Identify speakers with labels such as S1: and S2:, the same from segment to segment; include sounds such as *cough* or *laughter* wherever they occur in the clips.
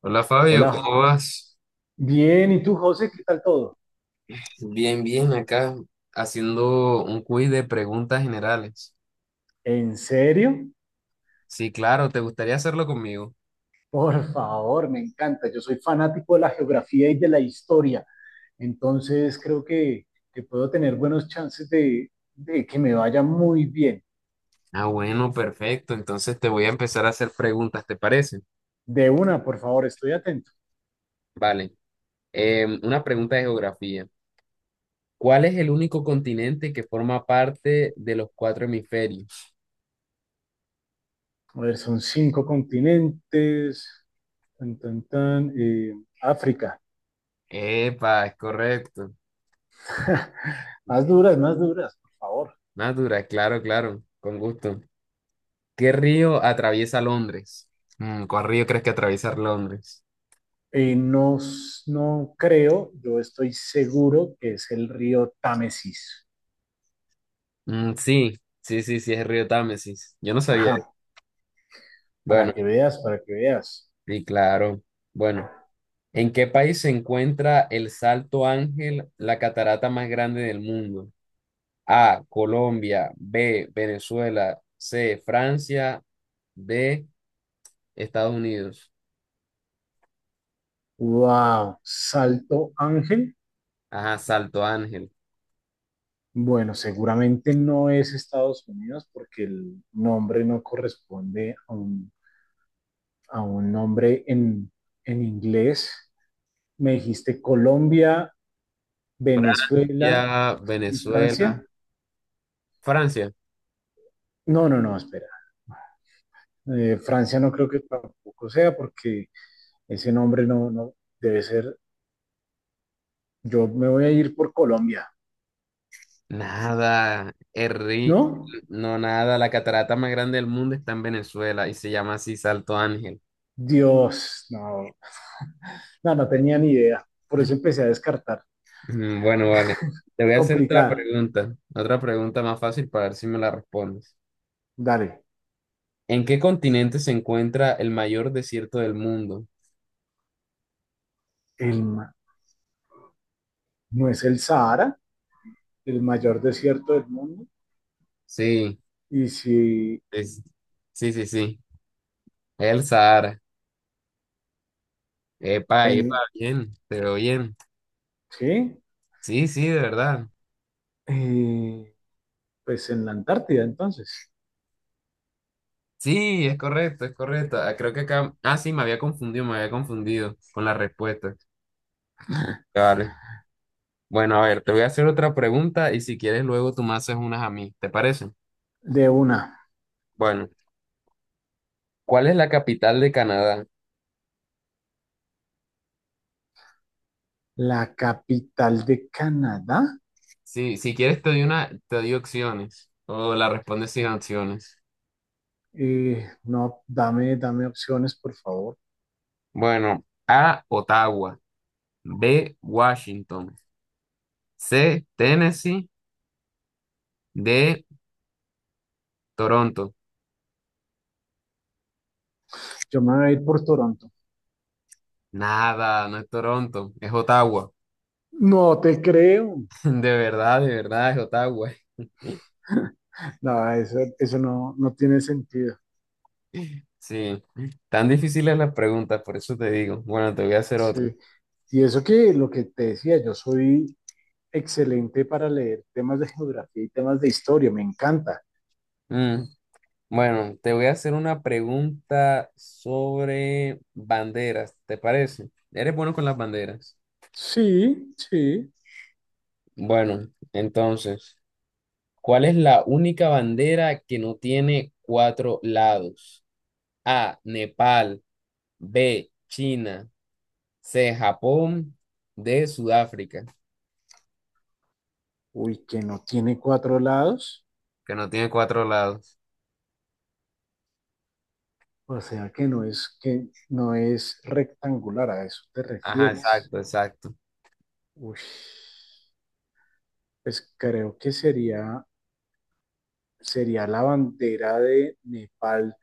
S1: Hola Fabio,
S2: Hola,
S1: ¿cómo vas?
S2: bien, ¿y tú, José? ¿Qué tal todo?
S1: Bien, bien, acá haciendo un quiz de preguntas generales.
S2: ¿En serio?
S1: Sí, claro, ¿te gustaría hacerlo conmigo?
S2: Por favor, me encanta. Yo soy fanático de la geografía y de la historia, entonces creo que puedo tener buenos chances de que me vaya muy bien.
S1: Ah, bueno, perfecto. Entonces te voy a empezar a hacer preguntas, ¿te parece?
S2: De una, por favor, estoy atento.
S1: Vale. Una pregunta de geografía. ¿Cuál es el único continente que forma parte de los cuatro hemisferios?
S2: A ver, son cinco continentes. Tan, tan, tan, África.
S1: Epa, es correcto.
S2: *laughs* Más duras, por favor.
S1: Natura, claro, claro, con gusto. ¿Qué río atraviesa Londres? ¿Cuál río crees que atraviesa Londres?
S2: No, no creo, yo estoy seguro que es el río Támesis.
S1: Mm, sí, sí, sí, sí, es el río Támesis. Yo no sabía.
S2: Ajá, para
S1: Bueno,
S2: que veas, para que veas.
S1: sí, claro. Bueno, ¿en qué país se encuentra el Salto Ángel, la catarata más grande del mundo? A, Colombia; B, Venezuela; C, Francia; D, Estados Unidos.
S2: Wow, Salto Ángel.
S1: Ajá, Salto Ángel.
S2: Bueno, seguramente no es Estados Unidos porque el nombre no corresponde a un, nombre en inglés. Me dijiste Colombia, Venezuela
S1: Ya,
S2: y
S1: Venezuela,
S2: Francia.
S1: Francia.
S2: No, no, no, espera. Francia no creo que tampoco sea porque ese nombre no debe ser. Yo me voy a ir por Colombia,
S1: Nada,
S2: ¿no?
S1: no, nada, la catarata más grande del mundo está en Venezuela y se llama así Salto Ángel.
S2: Dios, no. No, no tenía ni idea. Por eso empecé a descartar.
S1: Bueno, vale. Te voy a hacer
S2: Complicada.
S1: otra pregunta más fácil para ver si me la respondes.
S2: Dale,
S1: ¿En qué continente se encuentra el mayor desierto del mundo?
S2: el, ma- no es el Sahara, el mayor desierto del mundo.
S1: Sí,
S2: Y si,
S1: es- sí, sí, sí. El Sahara. Epa, epa,
S2: en,
S1: bien, pero bien.
S2: sí,
S1: Sí, sí, de verdad.
S2: eh, pues en la Antártida, entonces.
S1: Sí, es correcto, es correcto. Ah, creo que acá... Ah, sí, me había confundido con la respuesta. Vale. Bueno, a ver, te voy a hacer otra pregunta y si quieres luego tú me haces unas a mí, ¿te parece?
S2: De una,
S1: Bueno, ¿cuál es la capital de Canadá?
S2: la capital de Canadá.
S1: Sí, si quieres te doy una, te doy opciones o la respondes sin opciones.
S2: No, dame opciones, por favor.
S1: Bueno, A, Ottawa; B, Washington; C, Tennessee; D, Toronto.
S2: Yo me voy a ir por Toronto.
S1: Nada, no es Toronto, es Ottawa.
S2: No te creo.
S1: *laughs* De verdad es Ottawa.
S2: No, eso no tiene sentido.
S1: Sí, tan difíciles las preguntas, por eso te digo. Bueno, te voy a hacer otra.
S2: Sí. Y eso que lo que te decía, yo soy excelente para leer temas de geografía y temas de historia, me encanta.
S1: Mm, Bueno, te voy a hacer una pregunta sobre banderas, ¿te parece? ¿Eres bueno con las banderas?
S2: Sí, sí.
S1: Bueno, entonces, ¿cuál es la única bandera que no tiene cuatro lados? A, Nepal; B, China; C, Japón; D, Sudáfrica.
S2: Uy, que no tiene cuatro lados,
S1: Que no tiene cuatro lados.
S2: o sea que no es rectangular, a eso te
S1: Ajá,
S2: refieres.
S1: exacto, exacto.
S2: Uy, pues creo que sería la bandera de Nepal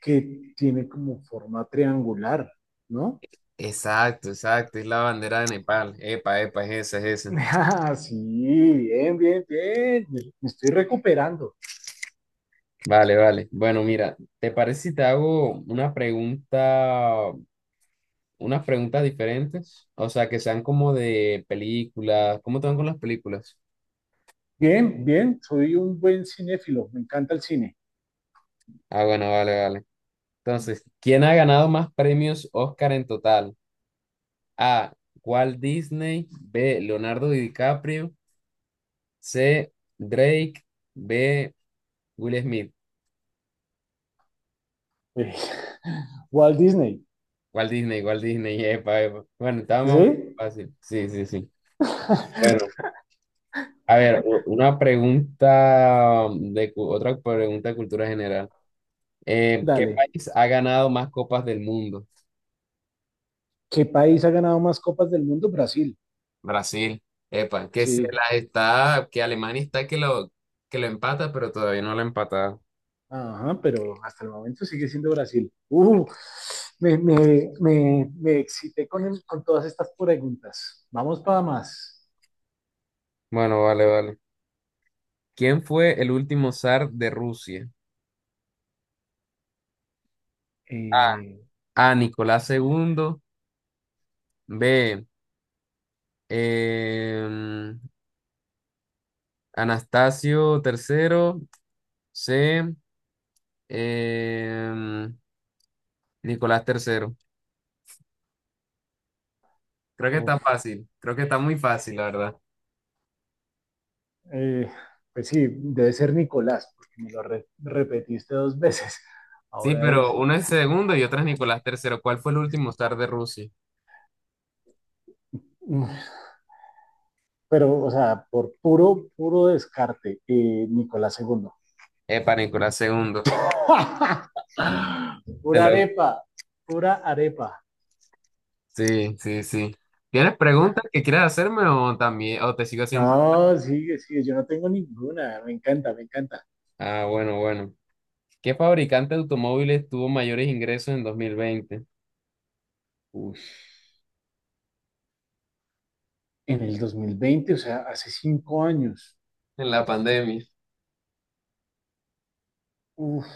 S2: que tiene como forma triangular, ¿no?
S1: Exacto, exacto. Es la bandera de Nepal. Epa, epa, es esa, es esa.
S2: *laughs* Ah, sí, bien, bien, bien. Me estoy recuperando.
S1: Vale, vale. Bueno, mira, ¿te parece si te hago una pregunta, unas preguntas diferentes? O sea, que sean como de películas. ¿Cómo te van con las películas?
S2: Bien, bien, soy un buen cinéfilo, me encanta el cine.
S1: Ah, bueno, vale, vale. Entonces, ¿quién ha ganado más premios Oscar en total? A, Walt Disney; B, Leonardo DiCaprio; C, Drake; B, Will Smith.
S2: Eh, *laughs* Walt Disney,
S1: Walt Disney, Walt Disney. *laughs* Epa, epa. Bueno, estaba muy
S2: ¿sí?
S1: fácil. Sí, sí, sí. Bueno, a ver, una pregunta de otra pregunta de cultura general. ¿Qué
S2: Dale.
S1: país ha ganado más copas del mundo?
S2: ¿Qué país ha ganado más copas del mundo? Brasil,
S1: Brasil, epa, que se
S2: sí.
S1: la está, que Alemania está que lo empata, pero todavía no lo ha empatado.
S2: Ajá, pero hasta el momento sigue siendo Brasil. Me excité con todas estas preguntas. Vamos para más.
S1: Bueno, vale, vale. ¿Quién fue el último zar de Rusia?
S2: Eh,
S1: A. A. Nicolás II; B, em, Anastasio III; C, em, Nicolás III. Creo que está
S2: uf,
S1: fácil. Creo que está muy fácil, la verdad.
S2: eh, pues sí, debe ser Nicolás, porque me lo repetiste dos veces.
S1: Sí,
S2: Ahora es.
S1: pero uno es segundo y otro es Nicolás III. ¿Cuál fue el último zar de Rusia?
S2: Pero, o sea, por puro, puro descarte, Nicolás segundo.
S1: Epa, Nicolás II.
S2: *laughs*
S1: Te
S2: Pura
S1: lo
S2: arepa, pura arepa.
S1: Sí, sí, sí. ¿Tienes preguntas que quieras hacerme o también, o te sigo siempre?
S2: No, sigue, sigue, yo no tengo ninguna, me encanta, me encanta.
S1: Ah, bueno, bueno. ¿Qué fabricante de automóviles tuvo mayores ingresos en 2020?
S2: Uf, en el 2020, o sea, hace 5 años,
S1: En la pandemia.
S2: uf,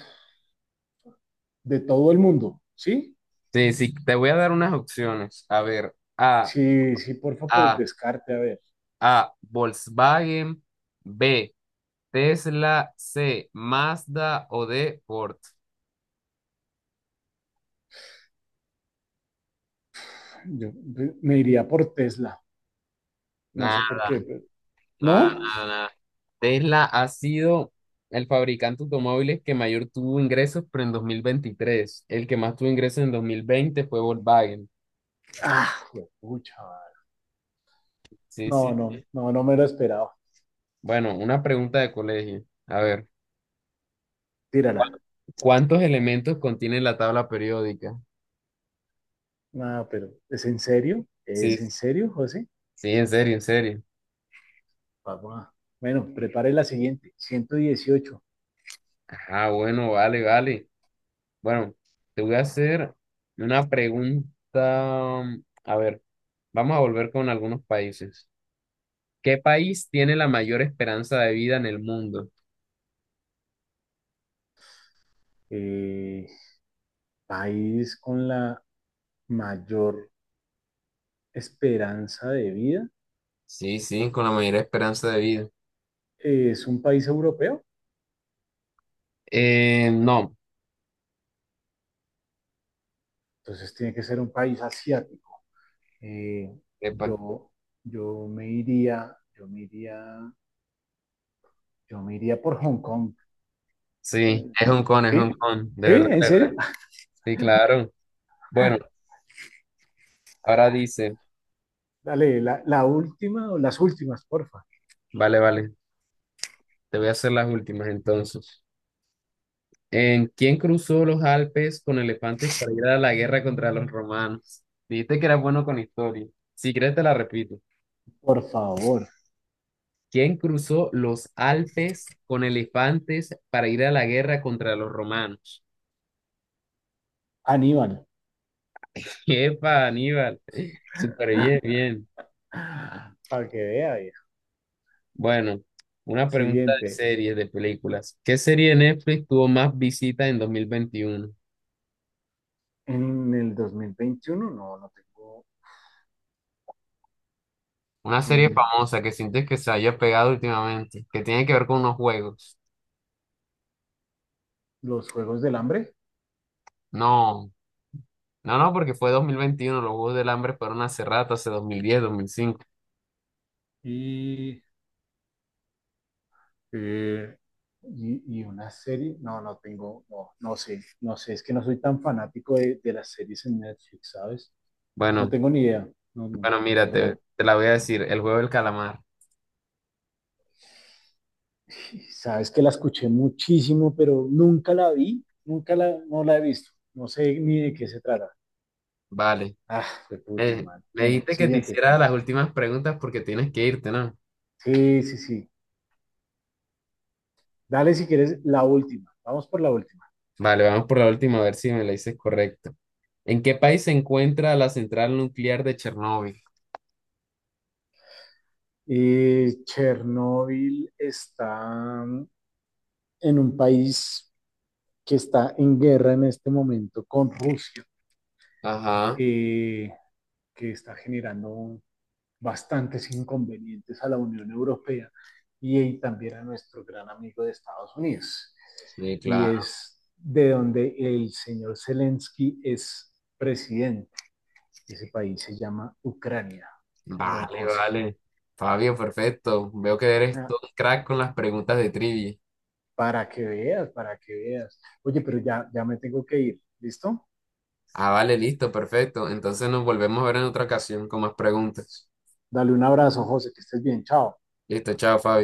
S2: de todo el mundo, ¿sí?
S1: Sí, sí, te voy a dar unas opciones. A ver,
S2: Sí, sí, por favor,
S1: A,
S2: descarte, a ver,
S1: A, Volkswagen; B, Tesla; C, Mazda; o D, Ford.
S2: yo me iría por Tesla, no
S1: Nah,
S2: sé por qué,
S1: nada,
S2: ¿no?
S1: nada, nada, Tesla ha sido el fabricante de automóviles que mayor tuvo ingresos, pero en 2023. El que más tuvo ingresos en 2020 fue Volkswagen.
S2: Ah, pucha,
S1: Sí,
S2: no,
S1: sí.
S2: no, no, no me lo esperaba,
S1: Bueno, una pregunta de colegio. A ver,
S2: tírala.
S1: ¿cuántos elementos contiene la tabla periódica?
S2: No, pero ¿es en serio?
S1: Sí,
S2: ¿Es en serio, José?
S1: sí, en serio, en serio.
S2: Papá. Bueno, prepare la siguiente. 118.
S1: Ah, bueno, vale, vale. Bueno, te voy a hacer una pregunta. A ver, vamos a volver con algunos países. ¿Qué país tiene la mayor esperanza de vida en el mundo?
S2: Eh, país con la mayor esperanza de vida.
S1: Sí, sí, con la mayor esperanza de vida.
S2: Es un país europeo,
S1: No,
S2: entonces tiene que ser un país asiático. Eh,
S1: epa,
S2: yo, yo me iría, yo me iría, yo me iría por Hong Kong.
S1: sí,
S2: Eh,
S1: es un
S2: ¿Qué?
S1: con, de
S2: ¿Sí?
S1: verdad,
S2: ¿En
S1: de verdad.
S2: serio?
S1: Sí, claro. Bueno,
S2: *laughs*
S1: ahora dice,
S2: Dale, la última o las últimas, porfa.
S1: vale, vale, te voy a hacer las últimas entonces. ¿En quién cruzó los Alpes con elefantes para ir a la guerra contra los romanos? Dijiste que eras bueno con historia. Si quieres te la repito.
S2: Por favor,
S1: ¿Quién cruzó los Alpes con elefantes para ir a la guerra contra los romanos?
S2: Aníbal.
S1: *laughs* Epa, Aníbal. Súper bien, bien.
S2: Para que vea, vieja.
S1: Bueno, una pregunta de
S2: Siguiente.
S1: series, de películas. ¿Qué serie de Netflix tuvo más visitas en 2021?
S2: En el 2021 no tengo
S1: Una
S2: en
S1: serie
S2: el,
S1: famosa que sientes que se haya pegado últimamente, que tiene que ver con unos juegos.
S2: los Juegos del Hambre
S1: No, no, no, porque fue 2021. Los Juegos del Hambre fueron hace rato, hace dos mil diez, 2005.
S2: y, eh, y una serie. No, no tengo. No, no sé, no sé, es que no soy tan fanático de las series en Netflix, ¿sabes? No
S1: Bueno,
S2: tengo ni idea. No, no,
S1: bueno, mira, te,
S2: perdón.
S1: te la voy a decir, el juego del calamar.
S2: *laughs* Sabes que la escuché muchísimo, pero nunca la vi, nunca la, no la he visto. No sé ni de qué se trata.
S1: Vale.
S2: Ah, fue pucha, man.
S1: Me
S2: Bueno,
S1: dijiste que te
S2: siguiente.
S1: hiciera las últimas preguntas porque tienes que irte, ¿no?
S2: Sí, sí, sí. Dale si quieres la última. Vamos por la última.
S1: Vale, vamos por la última a ver si me la dices correcta. ¿En qué país se encuentra la central nuclear de Chernóbil?
S2: Chernóbil está en un país que está en guerra en este momento con Rusia,
S1: Ajá,
S2: eh, que está generando bastantes inconvenientes a la Unión Europea y también a nuestro gran amigo de Estados Unidos.
S1: sí,
S2: Y
S1: claro.
S2: es de donde el señor Zelensky es presidente. Ese país se llama Ucrania, don
S1: Vale,
S2: José.
S1: vale. Fabio, perfecto. Veo que eres
S2: Ah,
S1: todo un crack con las preguntas de trivia.
S2: para que veas, para que veas. Oye, pero ya, ya me tengo que ir, ¿listo?
S1: Ah, vale, listo, perfecto. Entonces nos volvemos a ver en otra ocasión con más preguntas.
S2: Dale un abrazo, José, que estés bien, chao.
S1: Listo, chao, Fabio.